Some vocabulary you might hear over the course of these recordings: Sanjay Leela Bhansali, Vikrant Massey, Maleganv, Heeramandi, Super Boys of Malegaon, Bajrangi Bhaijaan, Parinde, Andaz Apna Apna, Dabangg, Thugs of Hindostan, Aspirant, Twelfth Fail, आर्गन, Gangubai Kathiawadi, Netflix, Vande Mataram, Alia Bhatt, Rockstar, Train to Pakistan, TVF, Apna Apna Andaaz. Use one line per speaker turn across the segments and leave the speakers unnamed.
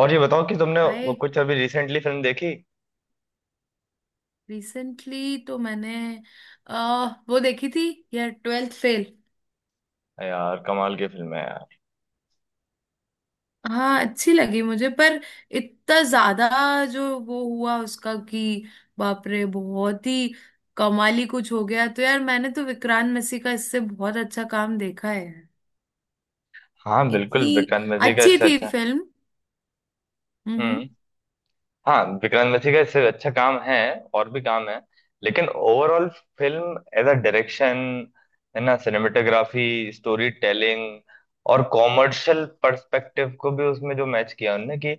और ये बताओ कि तुमने वो
हाय।
कुछ अभी रिसेंटली फिल्म देखी।
रिसेंटली तो मैंने वो देखी थी यार, ट्वेल्थ फेल।
यार कमाल की फिल्म है यार।
हाँ अच्छी लगी मुझे, पर इतना ज्यादा जो वो हुआ उसका कि बाप रे, बहुत ही कमाली कुछ हो गया। तो यार मैंने तो विक्रांत मैसी का इससे बहुत अच्छा काम देखा है।
हाँ बिल्कुल
इतनी
विक्रांत मैसी का
अच्छी
इससे
थी
अच्छा।
फिल्म। हम्म।
हम्म। हाँ विक्रांत मैसी का इससे अच्छा काम है। और भी काम है। लेकिन overall film as a direction, है ना, सिनेमेटोग्राफी, स्टोरी टेलिंग और कॉमर्शियल पर्सपेक्टिव को भी उसमें जो मैच किया उन्होंने,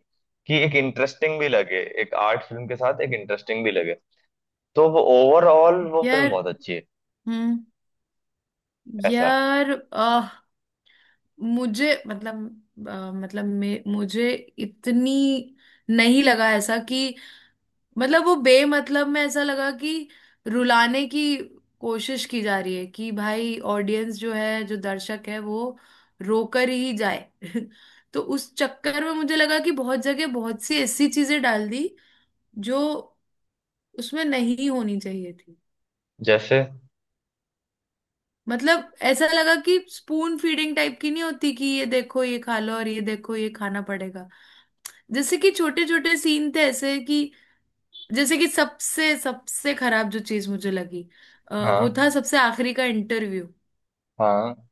कि एक इंटरेस्टिंग भी लगे, एक आर्ट फिल्म के साथ एक इंटरेस्टिंग भी लगे। तो वो ओवरऑल वो फिल्म
यार।
बहुत अच्छी है।
हम्म।
ऐसा।
यार मुझे मतलब मतलब मुझे इतनी नहीं लगा ऐसा कि, मतलब वो बेमतलब में ऐसा लगा कि रुलाने की कोशिश की जा रही है कि भाई ऑडियंस जो है, जो दर्शक है वो रोकर ही जाए तो उस चक्कर में मुझे लगा कि बहुत जगह बहुत सी ऐसी चीजें डाल दी जो उसमें नहीं होनी चाहिए थी।
जैसे।
मतलब ऐसा लगा कि स्पून फीडिंग टाइप की, नहीं होती कि ये देखो ये खा लो और ये देखो ये खाना पड़ेगा। जैसे कि छोटे छोटे सीन थे ऐसे कि, जैसे कि सबसे सबसे खराब जो चीज मुझे लगी, वो
हाँ।
था सबसे आखिरी का इंटरव्यू।
हाँ।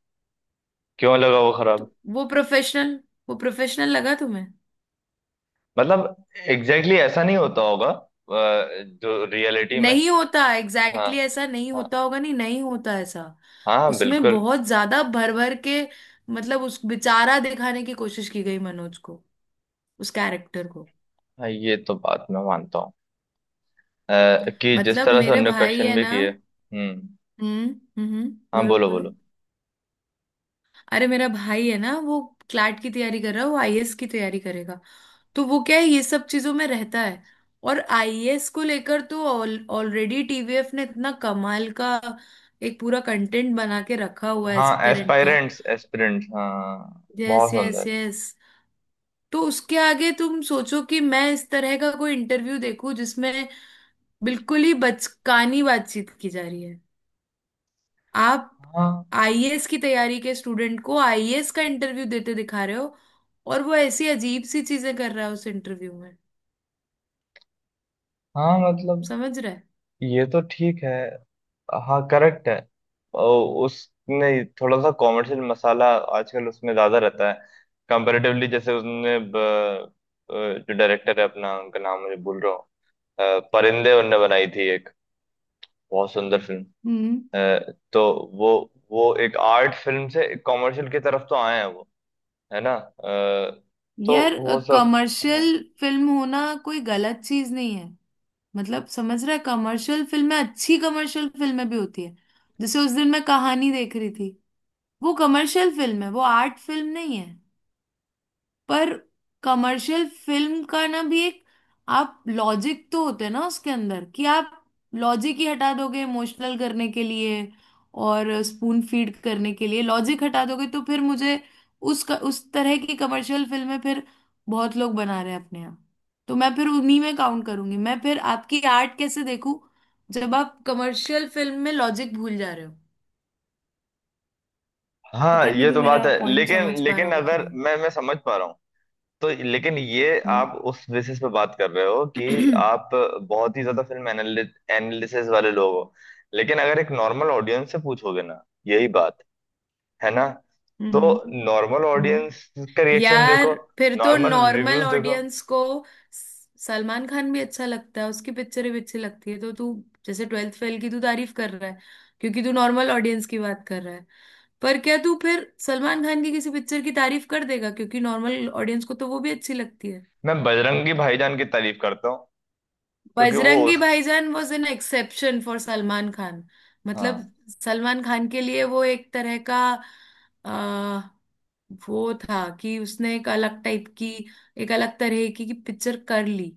क्यों लगा वो
तो
खराब?
वो प्रोफेशनल वो प्रोफेशनल लगा तुम्हें?
मतलब एग्जैक्टली exactly ऐसा नहीं होता होगा जो रियलिटी में।
नहीं होता, एग्जैक्टली
हाँ।
exactly ऐसा नहीं
हाँ।
होता होगा, नहीं नहीं होता ऐसा।
हाँ
उसमें
बिल्कुल।
बहुत ज्यादा भर भर के, मतलब उस बेचारा दिखाने की कोशिश की गई मनोज को, उस कैरेक्टर को।
हाँ ये तो बात मैं मानता हूँ कि जिस
मतलब
तरह से
मेरे
उनने
भाई
क्वेश्चन
है
भी
ना।
किए। हम्म।
हम्म। हम्म।
हाँ
बोलो
बोलो
बोलो।
बोलो।
अरे मेरा भाई है ना, वो क्लैट की तैयारी कर रहा है, वो आईएएस की तैयारी करेगा। तो वो क्या है, ये सब चीजों में रहता है। और आईएएस को लेकर तो ऑलरेडी टीवीएफ ने इतना कमाल का एक पूरा कंटेंट बना के रखा हुआ है,
हाँ
एस्पिरेंट का।
एस्पायरेंट्स एस्पिरेंट्स हाँ
यस
बहुत
यस
सुंदर।
यस। तो उसके आगे तुम सोचो कि मैं इस तरह का कोई इंटरव्यू देखूं जिसमें बिल्कुल ही बचकानी बातचीत की जा रही है। आप
हाँ।
आईएएस की तैयारी के स्टूडेंट को आईएएस का इंटरव्यू देते दिखा रहे हो, और वो ऐसी अजीब सी चीजें कर रहा है उस इंटरव्यू में।
हाँ मतलब
समझ
ये तो ठीक है। हाँ करेक्ट है। और उसने थोड़ा सा कॉमर्शियल मसाला आजकल उसमें ज्यादा रहता है। कंपैरेटिवली जैसे उसने जो डायरेक्टर है अपना उनका नाम मुझे भूल रहा हूँ। परिंदे उनने बनाई थी एक बहुत सुंदर फिल्म।
रहे?
अ, तो वो वो एक आर्ट फिल्म से कॉमर्शियल की तरफ तो आए हैं वो। है ना तो
यार
वो सब।
कमर्शियल फिल्म होना कोई गलत चीज नहीं है। मतलब समझ रहा है, कमर्शियल फिल्में, अच्छी कमर्शियल फिल्में भी होती है। जैसे उस दिन मैं कहानी देख रही थी, वो कमर्शियल फिल्म है, वो आर्ट फिल्म नहीं है। पर कमर्शियल फिल्म का ना भी एक आप लॉजिक तो होते हैं ना उसके अंदर, कि आप लॉजिक ही हटा दोगे इमोशनल करने के लिए और स्पून फीड करने के लिए लॉजिक हटा दोगे, तो फिर मुझे उस तरह की कमर्शियल फिल्में फिर बहुत लोग बना रहे हैं अपने यहाँ। तो मैं फिर उन्हीं में काउंट करूंगी, मैं फिर आपकी आर्ट कैसे देखूं जब आप कमर्शियल फिल्म में लॉजिक भूल जा रहे हो।
हाँ
पता नहीं
ये
तू
तो बात
मेरा
है
पॉइंट
लेकिन
समझ पा रहा
लेकिन
होगा कि
अगर
नहीं।
मैं समझ पा रहा हूँ। तो लेकिन ये
हम्म।
आप उस बेसिस पे बात कर रहे हो कि आप बहुत ही ज्यादा फिल्म एनालिसिस वाले लोग हो। लेकिन अगर एक नॉर्मल ऑडियंस से पूछोगे ना यही बात, है ना, तो
हम्म।
Normal audience
hmm.
का रिएक्शन देखो।
यार फिर तो
नॉर्मल
नॉर्मल
रिव्यूज देखो।
ऑडियंस को सलमान खान भी अच्छा लगता है, उसकी पिक्चरें भी अच्छी लगती है, तो तू जैसे ट्वेल्थ फेल की तू तारीफ कर रहा है क्योंकि तू नॉर्मल ऑडियंस की बात कर रहा है। पर क्या तू फिर सलमान खान की किसी पिक्चर की तारीफ कर देगा क्योंकि नॉर्मल ऑडियंस को तो वो भी अच्छी लगती है?
मैं बजरंगी भाईजान की तारीफ करता हूँ, क्योंकि हाँ वो
बजरंगी
उस।
Bhaijaan was an exception for Salman Khan. मतलब
हाँ।
सलमान खान के लिए वो एक तरह का, वो था कि उसने एक अलग टाइप की, एक अलग तरह की पिक्चर कर ली।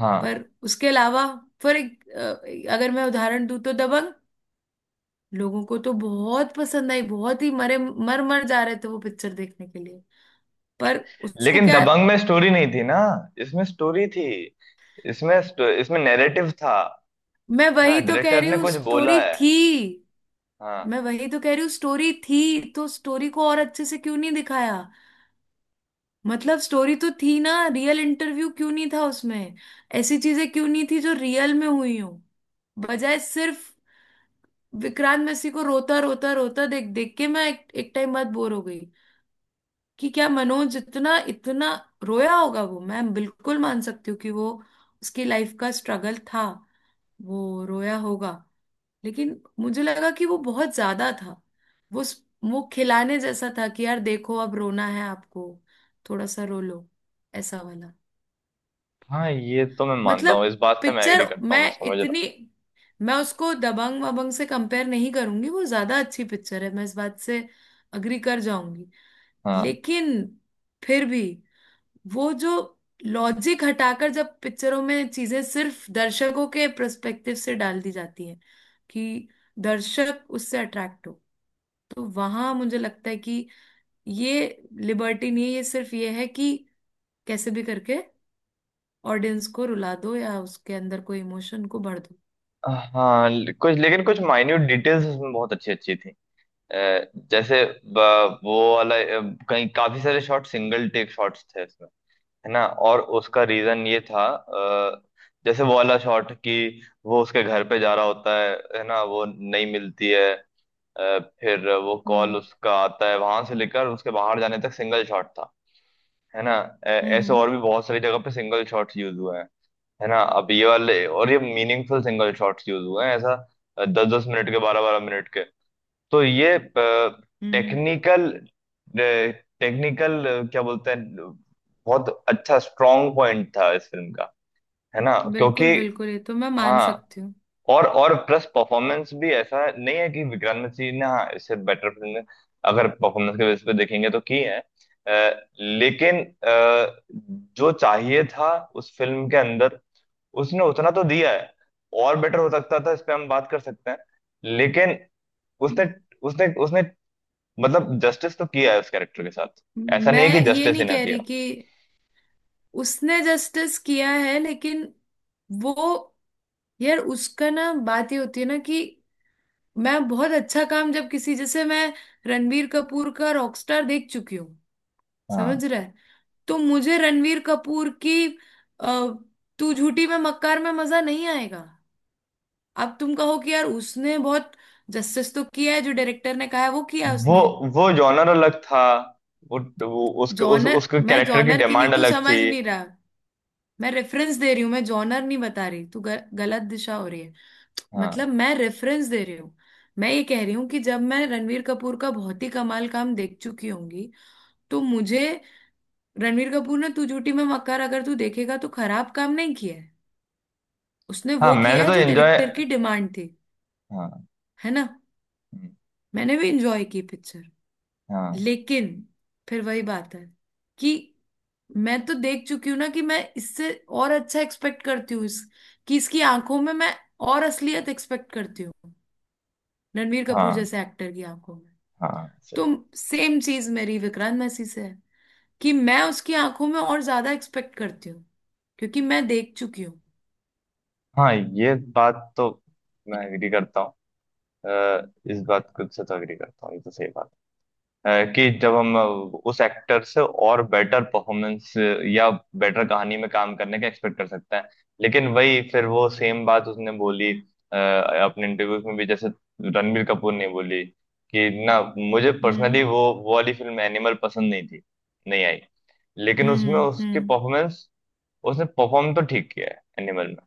हाँ
पर उसके अलावा, फॉर एक अगर मैं उदाहरण दूं तो दबंग, लोगों को तो बहुत पसंद आई, बहुत ही मरे मर मर जा रहे थे वो पिक्चर देखने के लिए। पर उसको
लेकिन
क्या,
दबंग में स्टोरी नहीं थी ना। इसमें स्टोरी थी। इसमें इसमें नैरेटिव था।
मैं
है ना
वही तो कह
डायरेक्टर
रही
ने
हूँ
कुछ बोला
स्टोरी
है।
थी।
हाँ।
मैं वही तो कह रही हूँ स्टोरी थी, तो स्टोरी को और अच्छे से क्यों नहीं दिखाया? मतलब स्टोरी तो थी ना, रियल इंटरव्यू क्यों नहीं था उसमें, ऐसी चीजें क्यों नहीं थी जो रियल में हुई हूं? बजाय सिर्फ विक्रांत मैसी को रोता रोता रोता देख देख के मैं एक टाइम बाद बोर हो गई। कि क्या मनोज इतना इतना रोया होगा, वो मैं बिल्कुल मान सकती हूँ कि वो, उसकी लाइफ का स्ट्रगल था, वो रोया होगा। लेकिन मुझे लगा कि वो बहुत ज्यादा था, वो वो खिलाने जैसा था कि यार देखो अब रोना है आपको, थोड़ा सा रो लो, ऐसा वाला।
हाँ ये तो मैं मानता हूँ,
मतलब
इस बात से मैं एग्री
पिक्चर,
करता हूँ,
मैं
मैं समझ रहा
इतनी, मैं उसको दबंग वबंग से कंपेयर नहीं करूंगी, वो ज्यादा अच्छी पिक्चर है, मैं इस बात से अग्री कर जाऊंगी।
हूँ।
लेकिन फिर भी वो जो लॉजिक हटाकर जब पिक्चरों में चीजें सिर्फ दर्शकों के पर्सपेक्टिव से डाल दी जाती हैं कि दर्शक उससे अट्रैक्ट हो, तो वहां मुझे लगता है कि ये लिबर्टी नहीं है, ये सिर्फ ये है कि कैसे भी करके ऑडियंस को रुला दो या उसके अंदर कोई इमोशन को भर दो।
हाँ। हाँ कुछ लेकिन कुछ माइन्यूट डिटेल्स इसमें बहुत अच्छी अच्छी थी। जैसे वो वाला कहीं काफी सारे शॉट सिंगल टेक शॉट्स थे इसमें। है ना और उसका रीजन ये था, जैसे वो वाला शॉट कि वो उसके घर पे जा रहा होता है ना वो नहीं मिलती है, फिर वो कॉल
हम्म।
उसका आता है, वहां से लेकर उसके बाहर जाने तक सिंगल शॉट था। है ना ऐसे
हम्म।
और भी बहुत सारी जगह पे सिंगल शॉट्स यूज हुए हैं। है ना अब ये वाले और ये मीनिंगफुल सिंगल शॉट्स यूज हुए हैं ऐसा, दस दस मिनट के, बारह बारह मिनट के। तो ये
हम्म।
टेक्निकल, टेक्निकल क्या बोलते हैं, बहुत अच्छा स्ट्रॉन्ग पॉइंट था इस फिल्म का। है ना क्योंकि।
बिल्कुल बिल्कुल, ये तो मैं मान
हाँ
सकती हूँ।
और प्लस परफॉर्मेंस भी ऐसा नहीं है कि विक्रांत मैसी ने, हाँ, इससे बेटर फिल्म अगर परफॉर्मेंस के बेस पे देखेंगे तो की है, लेकिन जो चाहिए था उस फिल्म के अंदर उसने उतना तो दिया है। और बेटर हो सकता था, इस पे हम बात कर सकते हैं, लेकिन उसने उसने उसने मतलब जस्टिस तो किया है उस कैरेक्टर के साथ। ऐसा नहीं है कि
मैं ये
जस्टिस ही
नहीं
ना
कह
किया।
रही कि उसने जस्टिस किया है, लेकिन वो, यार उसका ना, बात ये होती है ना कि मैं बहुत अच्छा काम, जब किसी, जैसे मैं रणबीर कपूर का रॉकस्टार देख चुकी हूँ।
हाँ
समझ रहा है? तो मुझे रणबीर कपूर की, अ, तू झूठी में मक्कार में मजा नहीं आएगा। अब तुम कहो कि यार उसने बहुत जस्टिस तो किया है, जो डायरेक्टर ने कहा है वो किया है
वो
उसने।
वो जॉनर अलग था, वो, वो उसके
जॉनर,
उसके
मैं
कैरेक्टर की
जॉनर की नहीं,
डिमांड
तू
अलग थी।
समझ नहीं रहा। मैं रेफरेंस दे रही हूँ, मैं जॉनर नहीं बता रही, तू गलत दिशा हो रही है। मतलब
हाँ।
मैं रेफरेंस दे रही हूँ। मैं ये कह रही हूँ कि जब मैं रणवीर कपूर का बहुत ही कमाल काम देख चुकी होंगी, तो मुझे, रणवीर कपूर ने तू झूठी मैं मक्कार अगर तू देखेगा तो खराब काम नहीं किया है, उसने
हाँ
वो किया
मैंने
है
तो
जो
एंजॉय।
डायरेक्टर की डिमांड थी।
हाँ।
है ना, मैंने भी इंजॉय की पिक्चर।
हाँ।
लेकिन फिर वही बात है कि मैं तो देख चुकी हूँ ना कि मैं इससे और अच्छा एक्सपेक्ट करती हूँ, इस, कि इसकी आंखों में मैं और असलियत एक्सपेक्ट करती हूँ, रणबीर कपूर
हाँ।
जैसे एक्टर की आंखों में।
हाँ
तो
सही।
सेम चीज मेरी विक्रांत मैसी से है, कि मैं उसकी आंखों में और ज्यादा एक्सपेक्ट करती हूँ क्योंकि मैं देख चुकी हूँ।
हाँ ये बात तो मैं एग्री करता हूँ, इस बात को से तो एग्री करता हूँ, ये तो सही बात है। अ, कि जब हम उस एक्टर से और बेटर परफॉर्मेंस या बेटर कहानी में काम करने का एक्सपेक्ट कर सकते हैं, लेकिन वही फिर वो सेम बात उसने बोली अपने इंटरव्यूज में भी, जैसे रणबीर कपूर ने बोली कि ना मुझे पर्सनली
हम्म।
वो वाली फिल्म एनिमल पसंद नहीं थी, नहीं आई, लेकिन उसमें
हम्म।
उसकी
हम्म।
परफॉर्मेंस, उसने परफॉर्म तो ठीक किया है एनिमल में,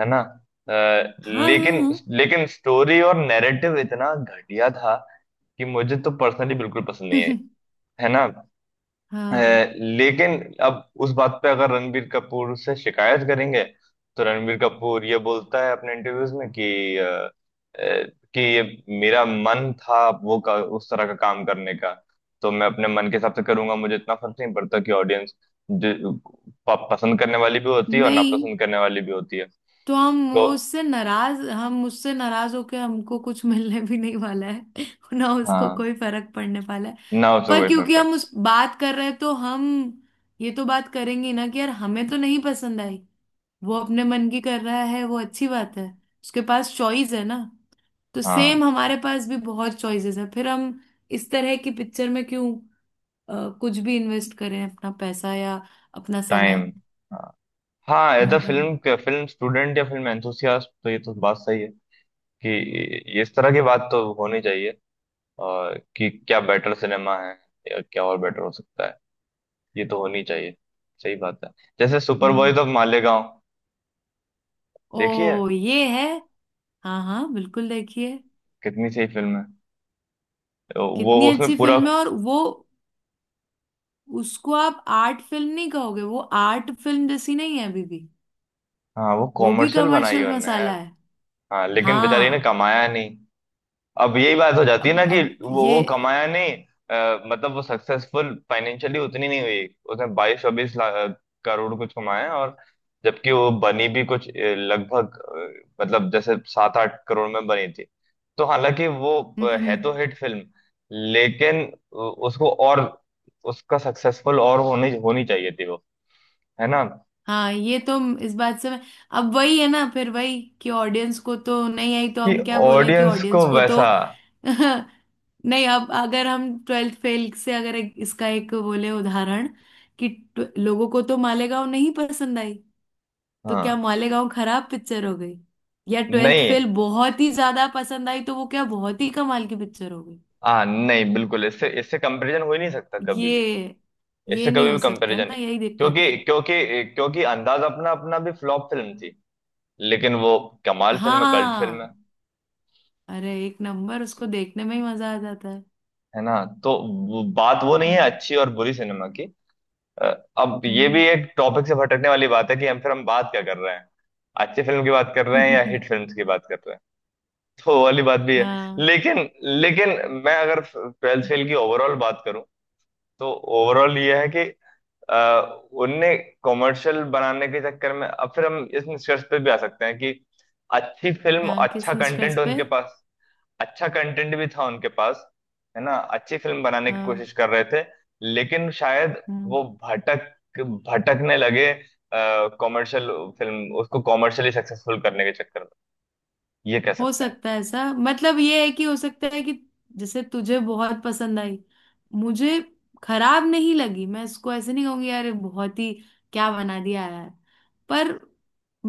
है ना,
हाँ
लेकिन
हाँ।
लेकिन स्टोरी और नैरेटिव इतना घटिया था कि मुझे तो पर्सनली बिल्कुल पसंद नहीं आई।
हाँ
है ना
हाँ।
लेकिन अब उस बात पे अगर रणबीर कपूर से शिकायत करेंगे तो रणबीर कपूर ये बोलता है अपने इंटरव्यूज में कि कि ये मेरा मन था उस तरह का काम करने का, तो मैं अपने मन के हिसाब से करूंगा, मुझे इतना फर्क नहीं पड़ता कि ऑडियंस जो पसंद करने वाली भी होती है और
नहीं।
नापसंद करने वाली भी होती है।
तो हम
तो
वो उससे नाराज, हम उससे नाराज होके हमको कुछ मिलने भी नहीं वाला है। ना उसको
हाँ।
कोई फर्क पड़ने वाला है।
ना उसे
पर
कोई फर्क
क्योंकि हम
पड़ता।
उस बात कर रहे हैं तो हम ये तो बात करेंगे ना कि यार हमें तो नहीं पसंद आई। वो अपने मन की कर रहा है, वो अच्छी बात है, उसके पास चॉइस है ना। तो
हाँ
सेम हमारे पास भी बहुत चॉइसेस है, फिर हम इस तरह की पिक्चर में क्यों कुछ भी इन्वेस्ट करें अपना पैसा या अपना समय?
टाइम। हाँ। हाँ as a
hmm.
Film, film student या फिल्म एंथुसियास्ट तो ये तो बात सही है कि इस तरह की बात तो होनी चाहिए। और कि क्या बेटर सिनेमा है या क्या और बेटर हो सकता है, ये तो होनी चाहिए। सही बात है। जैसे super
hmm.
Boys of Malegaon, देखिए
ओ ये है। हाँ हाँ, बिल्कुल देखिए।
कितनी सही फिल्म है, वो
कितनी
उसमें
अच्छी
पूरा।
फिल्म है, और वो, उसको आप आर्ट फिल्म नहीं कहोगे, वो आर्ट फिल्म जैसी नहीं है अभी भी।
हाँ वो
वो भी
कॉमर्शियल बनाई है
कमर्शियल
उनने
मसाला
यार।
है।
हाँ लेकिन बेचारे ने
हाँ।
कमाया नहीं। अब यही बात हो जाती है
अब
ना कि
अब ये।
वो कमाया नहीं। मतलब वो सक्सेसफुल फाइनेंशियली उतनी नहीं हुई। उसने बाईस चौबीस करोड़ कुछ कमाया, और जबकि वो बनी भी कुछ लगभग मतलब जैसे सात आठ करोड़ में बनी थी। तो हालांकि वो
हम्म।
है तो
हम्म।
हिट फिल्म, लेकिन उसको और उसका सक्सेसफुल और होनी होनी चाहिए थी वो, है ना।
हाँ ये तो, इस बात से मैं, अब वही है ना, फिर वही कि ऑडियंस को तो नहीं आई तो
कि
हम क्या बोलें कि
ऑडियंस
ऑडियंस
को
को तो
वैसा।
नहीं, अब अगर हम ट्वेल्थ फेल से अगर इसका एक बोले उदाहरण कि, लोगों को तो मालेगांव नहीं पसंद आई तो क्या
हाँ
मालेगांव खराब पिक्चर हो गई? या ट्वेल्थ
नहीं।
फेल बहुत ही ज्यादा पसंद आई तो वो क्या बहुत ही कमाल की पिक्चर हो गई?
हाँ नहीं बिल्कुल, इससे इससे कंपैरिजन हो ही नहीं सकता कभी भी।
ये
इससे
ये नहीं
कभी
हो
भी
सकता
कंपैरिजन
ना,
नहीं।
यही दिक्कत है।
क्योंकि क्योंकि क्योंकि अंदाज अपना अपना भी फ्लॉप फिल्म थी, लेकिन वो कमाल फिल्म है, कल्ट फिल्म है
हाँ, अरे एक नंबर, उसको देखने में ही मजा आ जाता है।
है ना। तो बात वो नहीं है
हम्म।
अच्छी और बुरी सिनेमा की। अ, अब ये भी एक टॉपिक से भटकने वाली बात है कि हम फिर हम बात क्या कर रहे हैं, अच्छी फिल्म की बात कर रहे हैं या
हम्म।
हिट फिल्म की बात कर रहे हैं। तो वो वाली बात भी है।
हाँ।
लेकिन लेकिन मैं अगर ट्वेल्थ फेल की ओवरऑल बात करूं, तो ओवरऑल ये है कि अ, उनने कॉमर्शियल बनाने के चक्कर में, अब फिर हम इस निष्कर्ष पे भी आ सकते हैं कि अच्छी फिल्म,
हाँ
अच्छा
किस निष्कर्ष
कंटेंट
पे?
उनके पास, अच्छा कंटेंट भी था उनके पास, है ना, अच्छी फिल्म बनाने की
हाँ।
कोशिश कर रहे थे, लेकिन शायद
हम्म।
वो भटक भटकने लगे कॉमर्शियल फिल्म उसको कॉमर्शियली सक्सेसफुल करने के चक्कर में, ये कह
हो
सकते हैं।
सकता है ऐसा, मतलब ये है कि हो सकता है कि जैसे तुझे बहुत पसंद आई, मुझे खराब नहीं लगी, मैं इसको ऐसे नहीं कहूंगी यार ये बहुत ही क्या बना दिया यार। पर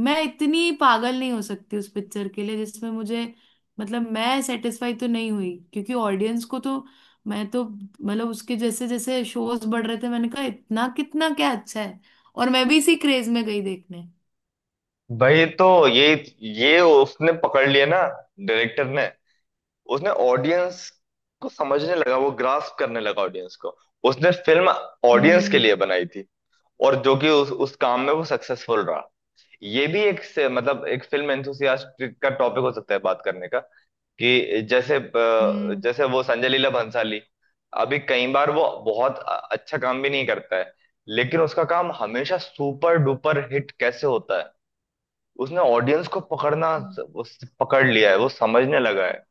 मैं इतनी पागल नहीं हो सकती उस पिक्चर के लिए, जिसमें मुझे, मतलब मैं सेटिस्फाई तो नहीं हुई क्योंकि ऑडियंस को तो, मैं तो मतलब उसके जैसे जैसे शोज बढ़ रहे थे मैंने कहा इतना कितना क्या अच्छा है, और मैं भी इसी क्रेज में गई देखने।
भाई तो ये उसने पकड़ लिया ना, डायरेक्टर ने, उसने ऑडियंस को समझने लगा, वो ग्रास्प करने लगा ऑडियंस को, उसने फिल्म ऑडियंस के
हम्म।
लिए बनाई थी। और जो कि उस काम में वो सक्सेसफुल रहा। ये भी एक से मतलब एक फिल्म एंथुसियास्ट का टॉपिक हो सकता है बात करने का कि जैसे जैसे वो संजय लीला भंसाली, अभी कई बार वो बहुत अच्छा काम भी नहीं करता है, लेकिन उसका काम हमेशा सुपर डुपर हिट कैसे होता है। उसने ऑडियंस को पकड़ना
हम्म।
उस पकड़ लिया है, वो समझने लगा है,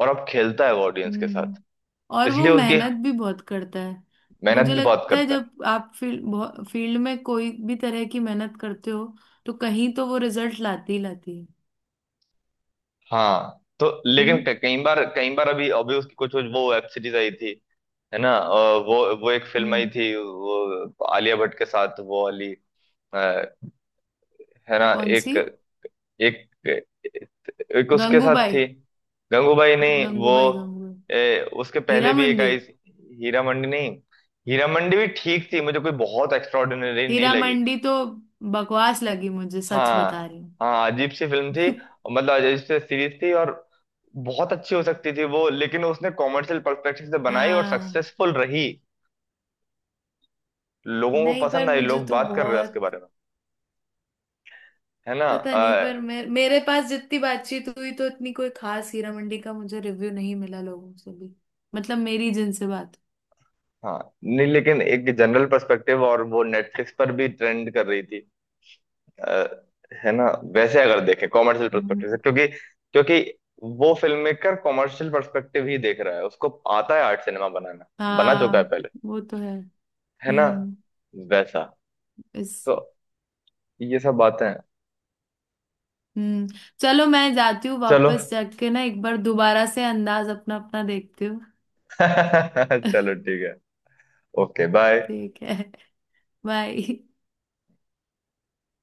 और अब खेलता है वो ऑडियंस के
हम्म।
साथ।
और वो
इसलिए उसकी
मेहनत भी बहुत करता है।
मेहनत
मुझे
भी बहुत
लगता है
करता है।
जब आप फील्ड फील्ड में कोई भी तरह की मेहनत करते हो, तो कहीं तो वो रिजल्ट लाती ही लाती है।
हाँ तो लेकिन
हम्म।
कई बार अभी अभी उसकी कुछ कुछ वो वेब सीरीज आई थी, है ना, वो एक फिल्म आई
हम्म।
थी वो आलिया भट्ट के साथ वो वाली। अ, है ना
कौन
एक,
सी?
एक एक उसके साथ
गंगूबाई।
थी। गंगूबाई नहीं वो,
गंगूबाई गंगूबाई।
ए, उसके पहले
हीरा
भी एक
मंडी।
आई थी। हीरा मंडी नहीं, हीरा मंडी भी ठीक थी, मुझे कोई बहुत एक्स्ट्राऑर्डिनरी नहीं
हीरा
लगी।
मंडी तो बकवास लगी मुझे, सच
हाँ।
बता रही हूँ।
हाँ अजीब सी फिल्म थी, मतलब अजीब सी सीरीज थी, और बहुत अच्छी हो सकती थी वो, लेकिन उसने कॉमर्शियल पर्सपेक्टिव से बनाई और
हाँ।
सक्सेसफुल रही। लोगों को
नहीं पर
पसंद आई,
मुझे
लोग
तो
बात कर रहे हैं उसके
बहुत,
बारे में, है ना
पता नहीं, पर मेरे मेरे पास जितनी बातचीत हुई तो इतनी कोई खास हीरा मंडी का मुझे रिव्यू नहीं मिला लोगों से भी। मतलब मेरी जिनसे बात।
हाँ नहीं लेकिन एक जनरल पर्सपेक्टिव, और वो नेटफ्लिक्स पर भी ट्रेंड कर रही थी अ, है ना। वैसे अगर देखें कॉमर्शियल पर्सपेक्टिव से,
हम्म।
क्योंकि क्योंकि वो फिल्म मेकर कॉमर्शियल पर्सपेक्टिव ही देख रहा है, उसको आता है आर्ट सिनेमा बनाना, बना चुका है
हाँ
पहले,
वो तो है।
है ना
हम्म।
वैसा।
इस।
तो ये सब बातें हैं।
हम्म। चलो मैं जाती हूँ,
चलो
वापस जाके ना एक बार दोबारा से अंदाज अपना अपना देखती हूँ।
चलो ठीक है। Okay bye.
ठीक है। बाय।